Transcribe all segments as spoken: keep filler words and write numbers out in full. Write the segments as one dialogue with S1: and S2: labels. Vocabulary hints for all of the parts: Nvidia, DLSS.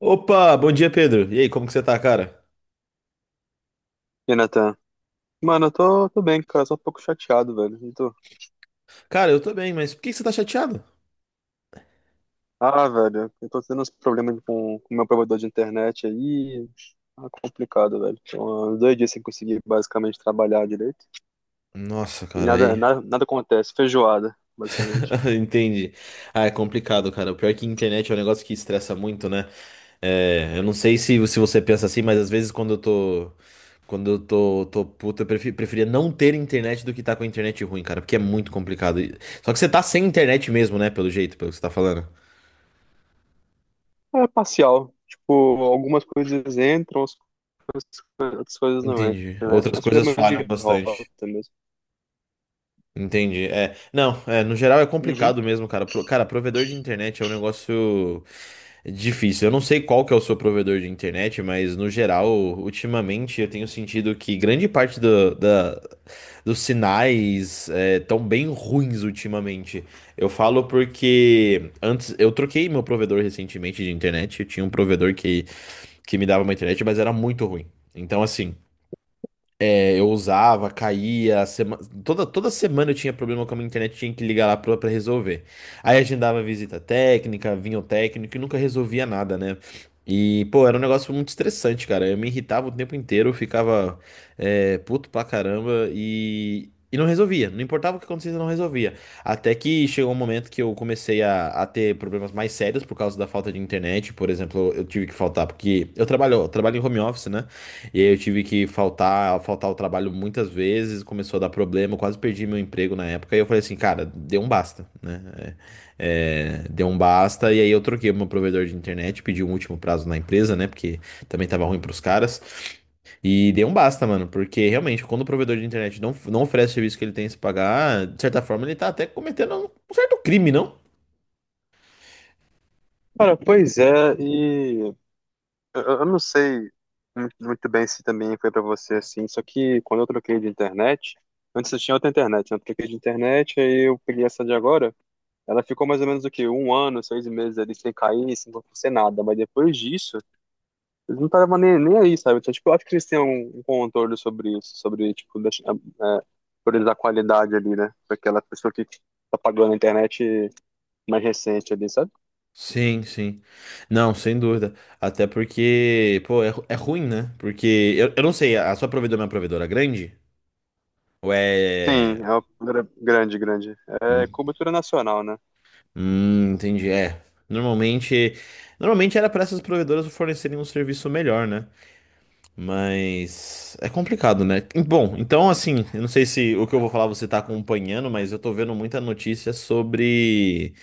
S1: Opa, bom dia, Pedro. E aí, como que você tá, cara?
S2: E Natan? Mano, eu tô, tô bem, cara, só um pouco chateado, velho. Eu tô...
S1: Cara, eu tô bem, mas por que que você tá chateado?
S2: Ah, velho, eu tô tendo uns problemas com o meu provedor de internet aí. Tá complicado, velho. Tô há dois dias sem conseguir basicamente trabalhar direito.
S1: Nossa,
S2: E
S1: cara,
S2: nada,
S1: aí.
S2: nada, nada acontece, feijoada, basicamente.
S1: Entendi. Ah, é complicado, cara. O pior é que internet é um negócio que estressa muito, né? É, eu não sei se, se você pensa assim, mas às vezes quando eu tô. Quando eu tô, tô puto, eu prefi- preferia não ter internet do que tá com a internet ruim, cara, porque é muito complicado. E- Só que você tá sem internet mesmo, né? Pelo jeito, pelo que você tá falando.
S2: É parcial. Tipo, algumas coisas entram, outras coisas outras coisas não entram,
S1: Entendi.
S2: né?
S1: Outras
S2: Mas
S1: coisas
S2: problemas
S1: falham
S2: de
S1: bastante.
S2: rota mesmo.
S1: Entendi. É, não, é, no geral é
S2: Uhum.
S1: complicado mesmo, cara. Pro- cara, provedor de internet é um negócio difícil. Eu não sei qual que é o seu provedor de internet, mas no geral, ultimamente eu tenho sentido que grande parte do- da, dos sinais é, estão bem ruins ultimamente. Eu falo porque antes eu troquei meu provedor recentemente de internet. Eu tinha um provedor que, que me dava uma internet, mas era muito ruim. Então, assim. É, eu usava, caía, sema- toda, toda semana eu tinha problema com a minha internet, tinha que ligar lá pra, pra resolver. Aí agendava visita técnica, vinha o técnico e nunca resolvia nada, né? E, pô, era um negócio muito estressante, cara. Eu me irritava o tempo inteiro, eu ficava é, puto pra caramba e, e não resolvia. Não importava o que acontecesse, eu não resolvia. Até que chegou um momento que eu comecei a, a ter problemas mais sérios por causa da falta de internet. Por exemplo, eu tive que faltar porque eu trabalho, eu trabalho em home office, né? E aí eu tive que faltar, faltar ao trabalho muitas vezes, começou a dar problema, eu quase perdi meu emprego na época. E eu falei assim, cara, deu um basta, né? É, é, deu um basta. E aí eu troquei o meu provedor de internet, pedi um último prazo na empresa, né? Porque também tava ruim pros caras. E deu um basta, mano, porque realmente, quando o provedor de internet não, não oferece o serviço que ele tem que se pagar, de certa forma ele tá até cometendo um certo crime, não?
S2: Cara, pois é, e Eu, eu não sei muito muito bem se também foi pra você assim, só que quando eu troquei de internet, antes eu tinha outra internet, né? Eu troquei de internet, aí eu peguei essa de agora. Ela ficou mais ou menos o quê? Um ano, seis meses ali sem cair, sem acontecer nada. Mas depois disso, eles não estavam nem, nem aí, sabe? Então, tipo, eu acho que eles têm um, um controle sobre isso, sobre, tipo, deixar, é, priorizar a qualidade ali, né? Pra aquela pessoa que tá pagando a internet mais recente ali, sabe?
S1: Sim, sim. Não, sem dúvida. Até porque, pô, é, ru- é ruim, né? Porque eu, eu não sei, a sua provedora é uma provedora grande? Ou é.
S2: Sim, é uma gra- grande, grande.
S1: Hum,
S2: É cobertura nacional, né?
S1: hum, entendi. É. Normalmente. Normalmente era para essas provedoras fornecerem um serviço melhor, né? Mas. É complicado, né? Bom, então, assim, eu não sei se o que eu vou falar você tá acompanhando, mas eu tô vendo muita notícia sobre.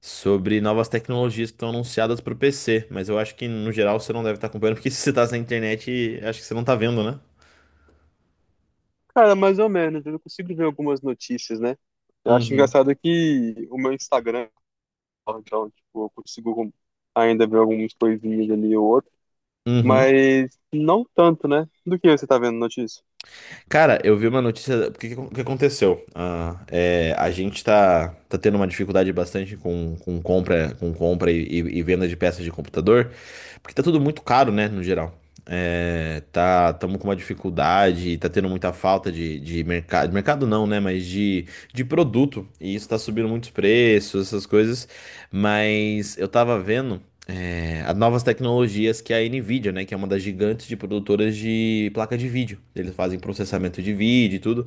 S1: sobre novas tecnologias que estão anunciadas para o P C, mas eu acho que no geral você não deve estar acompanhando, porque se você está na internet, acho que você não está vendo, né?
S2: Cara, mais ou menos, eu consigo ver algumas notícias, né? Eu acho
S1: Uhum.
S2: engraçado que o meu Instagram, então, tipo, eu consigo ainda ver algumas coisinhas ali ou outra,
S1: Uhum.
S2: mas não tanto, né? Do que você tá vendo notícia?
S1: Cara, eu vi uma notícia. O que, que aconteceu? Ah, é, a gente tá, tá tendo uma dificuldade bastante com, com compra, com compra e, e- e venda de peças de computador, porque tá tudo muito caro, né, no geral. É, tá, estamos com uma dificuldade, tá tendo muita falta de, de mercado. De mercado não, né? Mas de, de produto. E isso tá subindo muitos preços, essas coisas. Mas eu tava vendo é, as novas tecnologias que a Nvidia, né, que é uma das gigantes de produtoras de placa de vídeo. Eles fazem processamento de vídeo e tudo,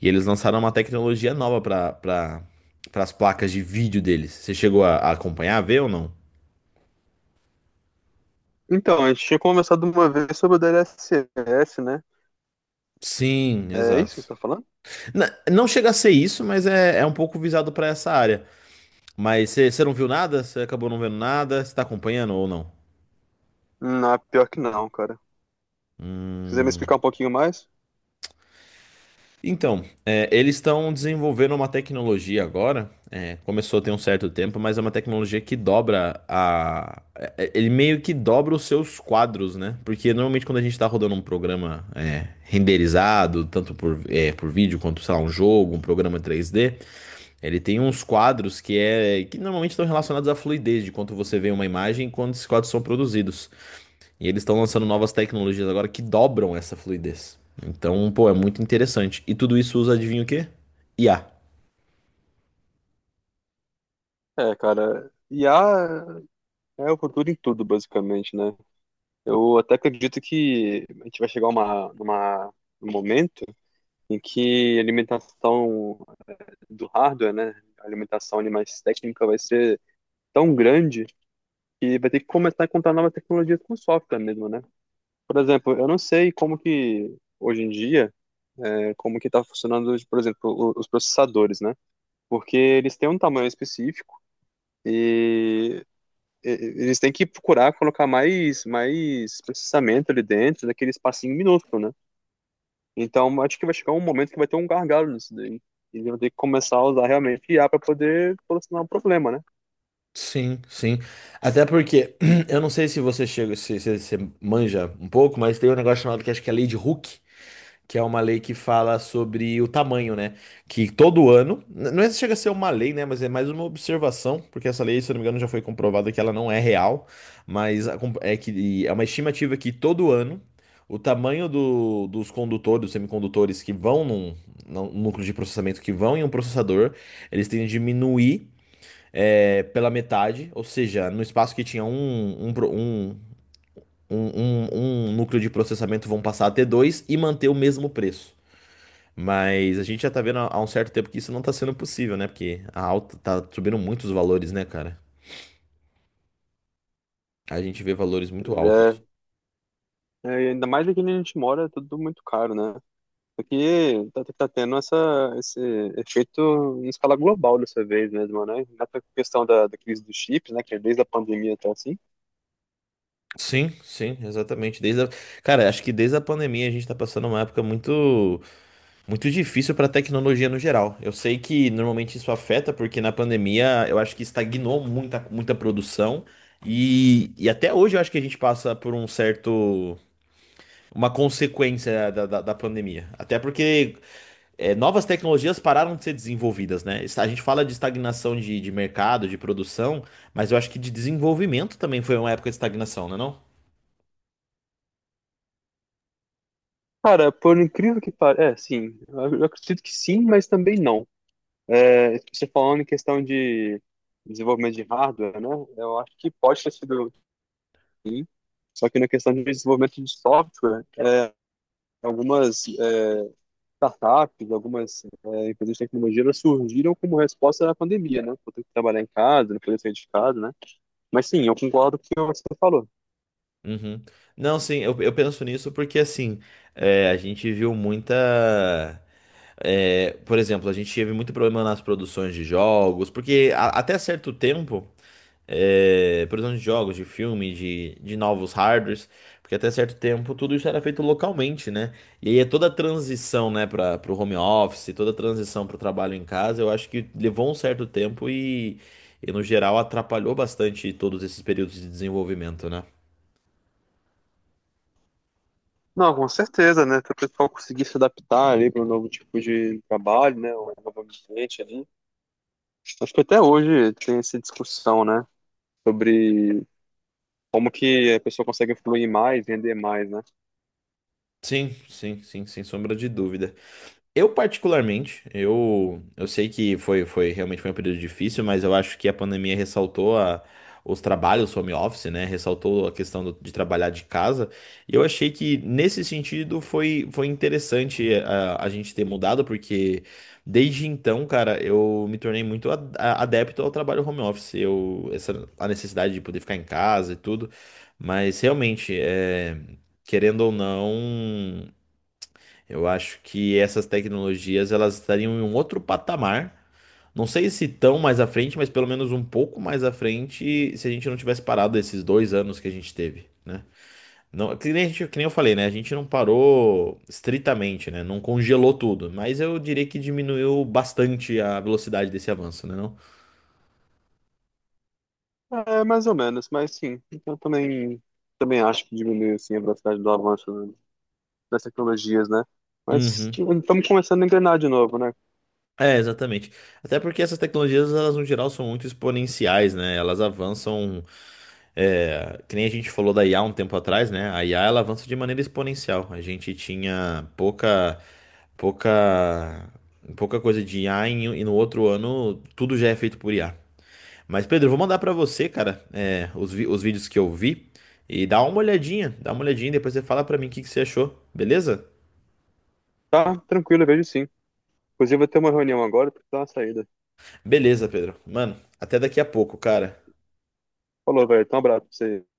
S1: e eles lançaram uma tecnologia nova para para as placas de vídeo deles. Você chegou a, a acompanhar, a ver ou não?
S2: Então, a gente tinha conversado uma vez sobre o D L S S, né?
S1: Sim,
S2: É
S1: exato.
S2: isso que você tá falando?
S1: Na- não chega a ser isso, mas é, é um pouco visado para essa área. Mas você você não viu nada? Você acabou não vendo nada? Você tá acompanhando ou
S2: Não, pior que não, cara. Se quiser me
S1: não?
S2: explicar um pouquinho mais?
S1: Então, é, eles estão desenvolvendo uma tecnologia agora. É, começou tem um certo tempo, mas é uma tecnologia que dobra a. é, é, Ele meio que dobra os seus quadros, né? Porque normalmente quando a gente está rodando um programa é, renderizado, tanto por, é, por vídeo quanto, sei lá, um jogo, um programa três D, ele tem uns quadros que é que normalmente estão relacionados à fluidez de quanto você vê uma imagem e quando esses quadros são produzidos. E eles estão lançando novas tecnologias agora que dobram essa fluidez. Então, pô, é muito interessante. E tudo isso usa, adivinha o quê? I A.
S2: É, cara, I a é o futuro em tudo, basicamente, né? Eu até acredito que a gente vai chegar a uma, uma, um momento em que a alimentação do hardware, né, a alimentação ali mais técnica vai ser tão grande que vai ter que começar a encontrar nova tecnologia com software mesmo, né? Por exemplo, eu não sei como que hoje em dia, né, como que está funcionando, por exemplo, o- os processadores, né? Porque eles têm um tamanho específico e e- eles têm que procurar colocar mais mais processamento ali dentro daquele espacinho minúsculo, né? Então, acho que vai chegar um momento que vai ter um gargalo nisso daí. Eles vão ter que começar a usar realmente I a para poder solucionar o problema, né?
S1: Sim, sim. Até porque eu não sei se você chega, se você manja um pouco, mas tem um negócio chamado que acho que é a lei de Hooke, que é uma lei que fala sobre o tamanho, né? Que todo ano, n- não é se chega a ser uma lei, né? Mas é mais uma observação, porque essa lei, se eu não me engano, já foi comprovada que ela não é real, mas a com- é que é uma estimativa que todo ano o tamanho do- dos condutores, dos semicondutores que vão num, num núcleo de processamento que vão em um processador, eles tendem a diminuir é, pela metade, ou seja, no espaço que tinha um, um, pro- um um, um- um núcleo de processamento vão passar a ter dois e manter o mesmo preço. Mas a gente já tá vendo há há um certo tempo que isso não tá sendo possível, né? Porque a alta tá subindo muito os valores, né, cara? A gente vê valores muito
S2: Pois
S1: altos.
S2: é. É, e ainda mais aqui onde a gente mora, é tudo muito caro, né? Aqui tá, tá tendo essa, esse efeito em escala global dessa vez mesmo, né? Na questão da, da crise dos chips, né? Que é desde a pandemia até assim.
S1: Sim, sim, exatamente. Desde a... Cara, acho que desde a pandemia a gente tá passando uma época muito, muito difícil pra tecnologia no geral. Eu sei que normalmente isso afeta, porque na pandemia eu acho que estagnou muita, muita produção. E, e até hoje eu acho que a gente passa por um certo, uma consequência da, da, da pandemia. Até porque é, novas tecnologias pararam de ser desenvolvidas, né? Isso- A gente fala de estagnação de, de mercado, de produção, mas eu acho que de desenvolvimento também foi uma época de estagnação, né, não?
S2: Cara, por incrível que pareça, é, sim, eu eu acredito que sim, mas também não. É, você falando em questão de desenvolvimento de hardware, né? Eu acho que pode ter sido. Só que na questão de desenvolvimento de software, é, algumas é, startups, algumas é, empresas de tecnologia elas surgiram como resposta à pandemia, né? Por ter que trabalhar em casa, não poder sair de casa, né? Mas sim, eu concordo com o que você falou.
S1: Uhum. Não, sim, eu, eu penso nisso porque assim, é, a gente viu muita. é, por exemplo, a gente teve muito problema nas produções de jogos, porque a- até certo tempo, é, produção de jogos, de filme, de, de novos hardwares, porque até certo tempo tudo isso era feito localmente, né? E aí é toda a transição, né, para o home office, toda a transição para o trabalho em casa, eu acho que levou um certo tempo e, e no geral atrapalhou bastante todos esses períodos de desenvolvimento, né?
S2: Não, com certeza, né? Para o pessoal conseguir se adaptar ali para um novo tipo de trabalho, né? Um novo ambiente ali. Acho que até hoje tem essa discussão, né? Sobre como que a pessoa consegue fluir mais, vender mais, né?
S1: Sim, sim, sim, sem sombra de dúvida. Eu particularmente, eu, eu sei que foi, foi realmente foi um período difícil, mas eu acho que a pandemia ressaltou a, os trabalhos home office, né? Ressaltou a questão do- de trabalhar de casa. E eu achei que nesse sentido foi, foi interessante eh, a, a gente ter mudado, porque desde então, cara, eu me tornei muito a- a- adepto ao trabalho home office. Eu, essa, a necessidade de poder ficar em casa e tudo. Mas realmente, é, querendo ou não. Eu acho que essas tecnologias elas estariam em um outro patamar. Não sei se tão mais à frente, mas pelo menos um pouco mais à frente, se a gente não tivesse parado esses dois anos que a gente teve, né? Não, que nem, a gente- que nem eu falei, né? A gente não parou estritamente, né? Não congelou tudo, mas eu diria que diminuiu bastante a velocidade desse avanço, né? Não?
S2: É, mais ou menos, mas sim, eu também, também acho que diminui assim, a velocidade do avanço, né, das tecnologias, né? Mas
S1: Uhum.
S2: tipo, estamos começando a engrenar de novo, né?
S1: É, exatamente. Até porque essas tecnologias, elas no geral são muito exponenciais, né? Elas avançam É, que nem a gente falou da I A um tempo atrás, né? A I A ela avança de maneira exponencial. A gente tinha pouca, pouca, pouca coisa de I A em- e e no outro ano tudo já é feito por I A. Mas Pedro, eu vou mandar pra você, cara, é, os, vi- os vídeos que eu vi e dá uma olhadinha, dá uma olhadinha, depois você fala pra mim o que que você achou, beleza?
S2: Tá, tranquilo, eu vejo sim. Inclusive, eu vou ter uma reunião agora, porque tá uma saída.
S1: Beleza, Pedro. Mano, até daqui a pouco, cara.
S2: Falou, velho, então um abraço pra você.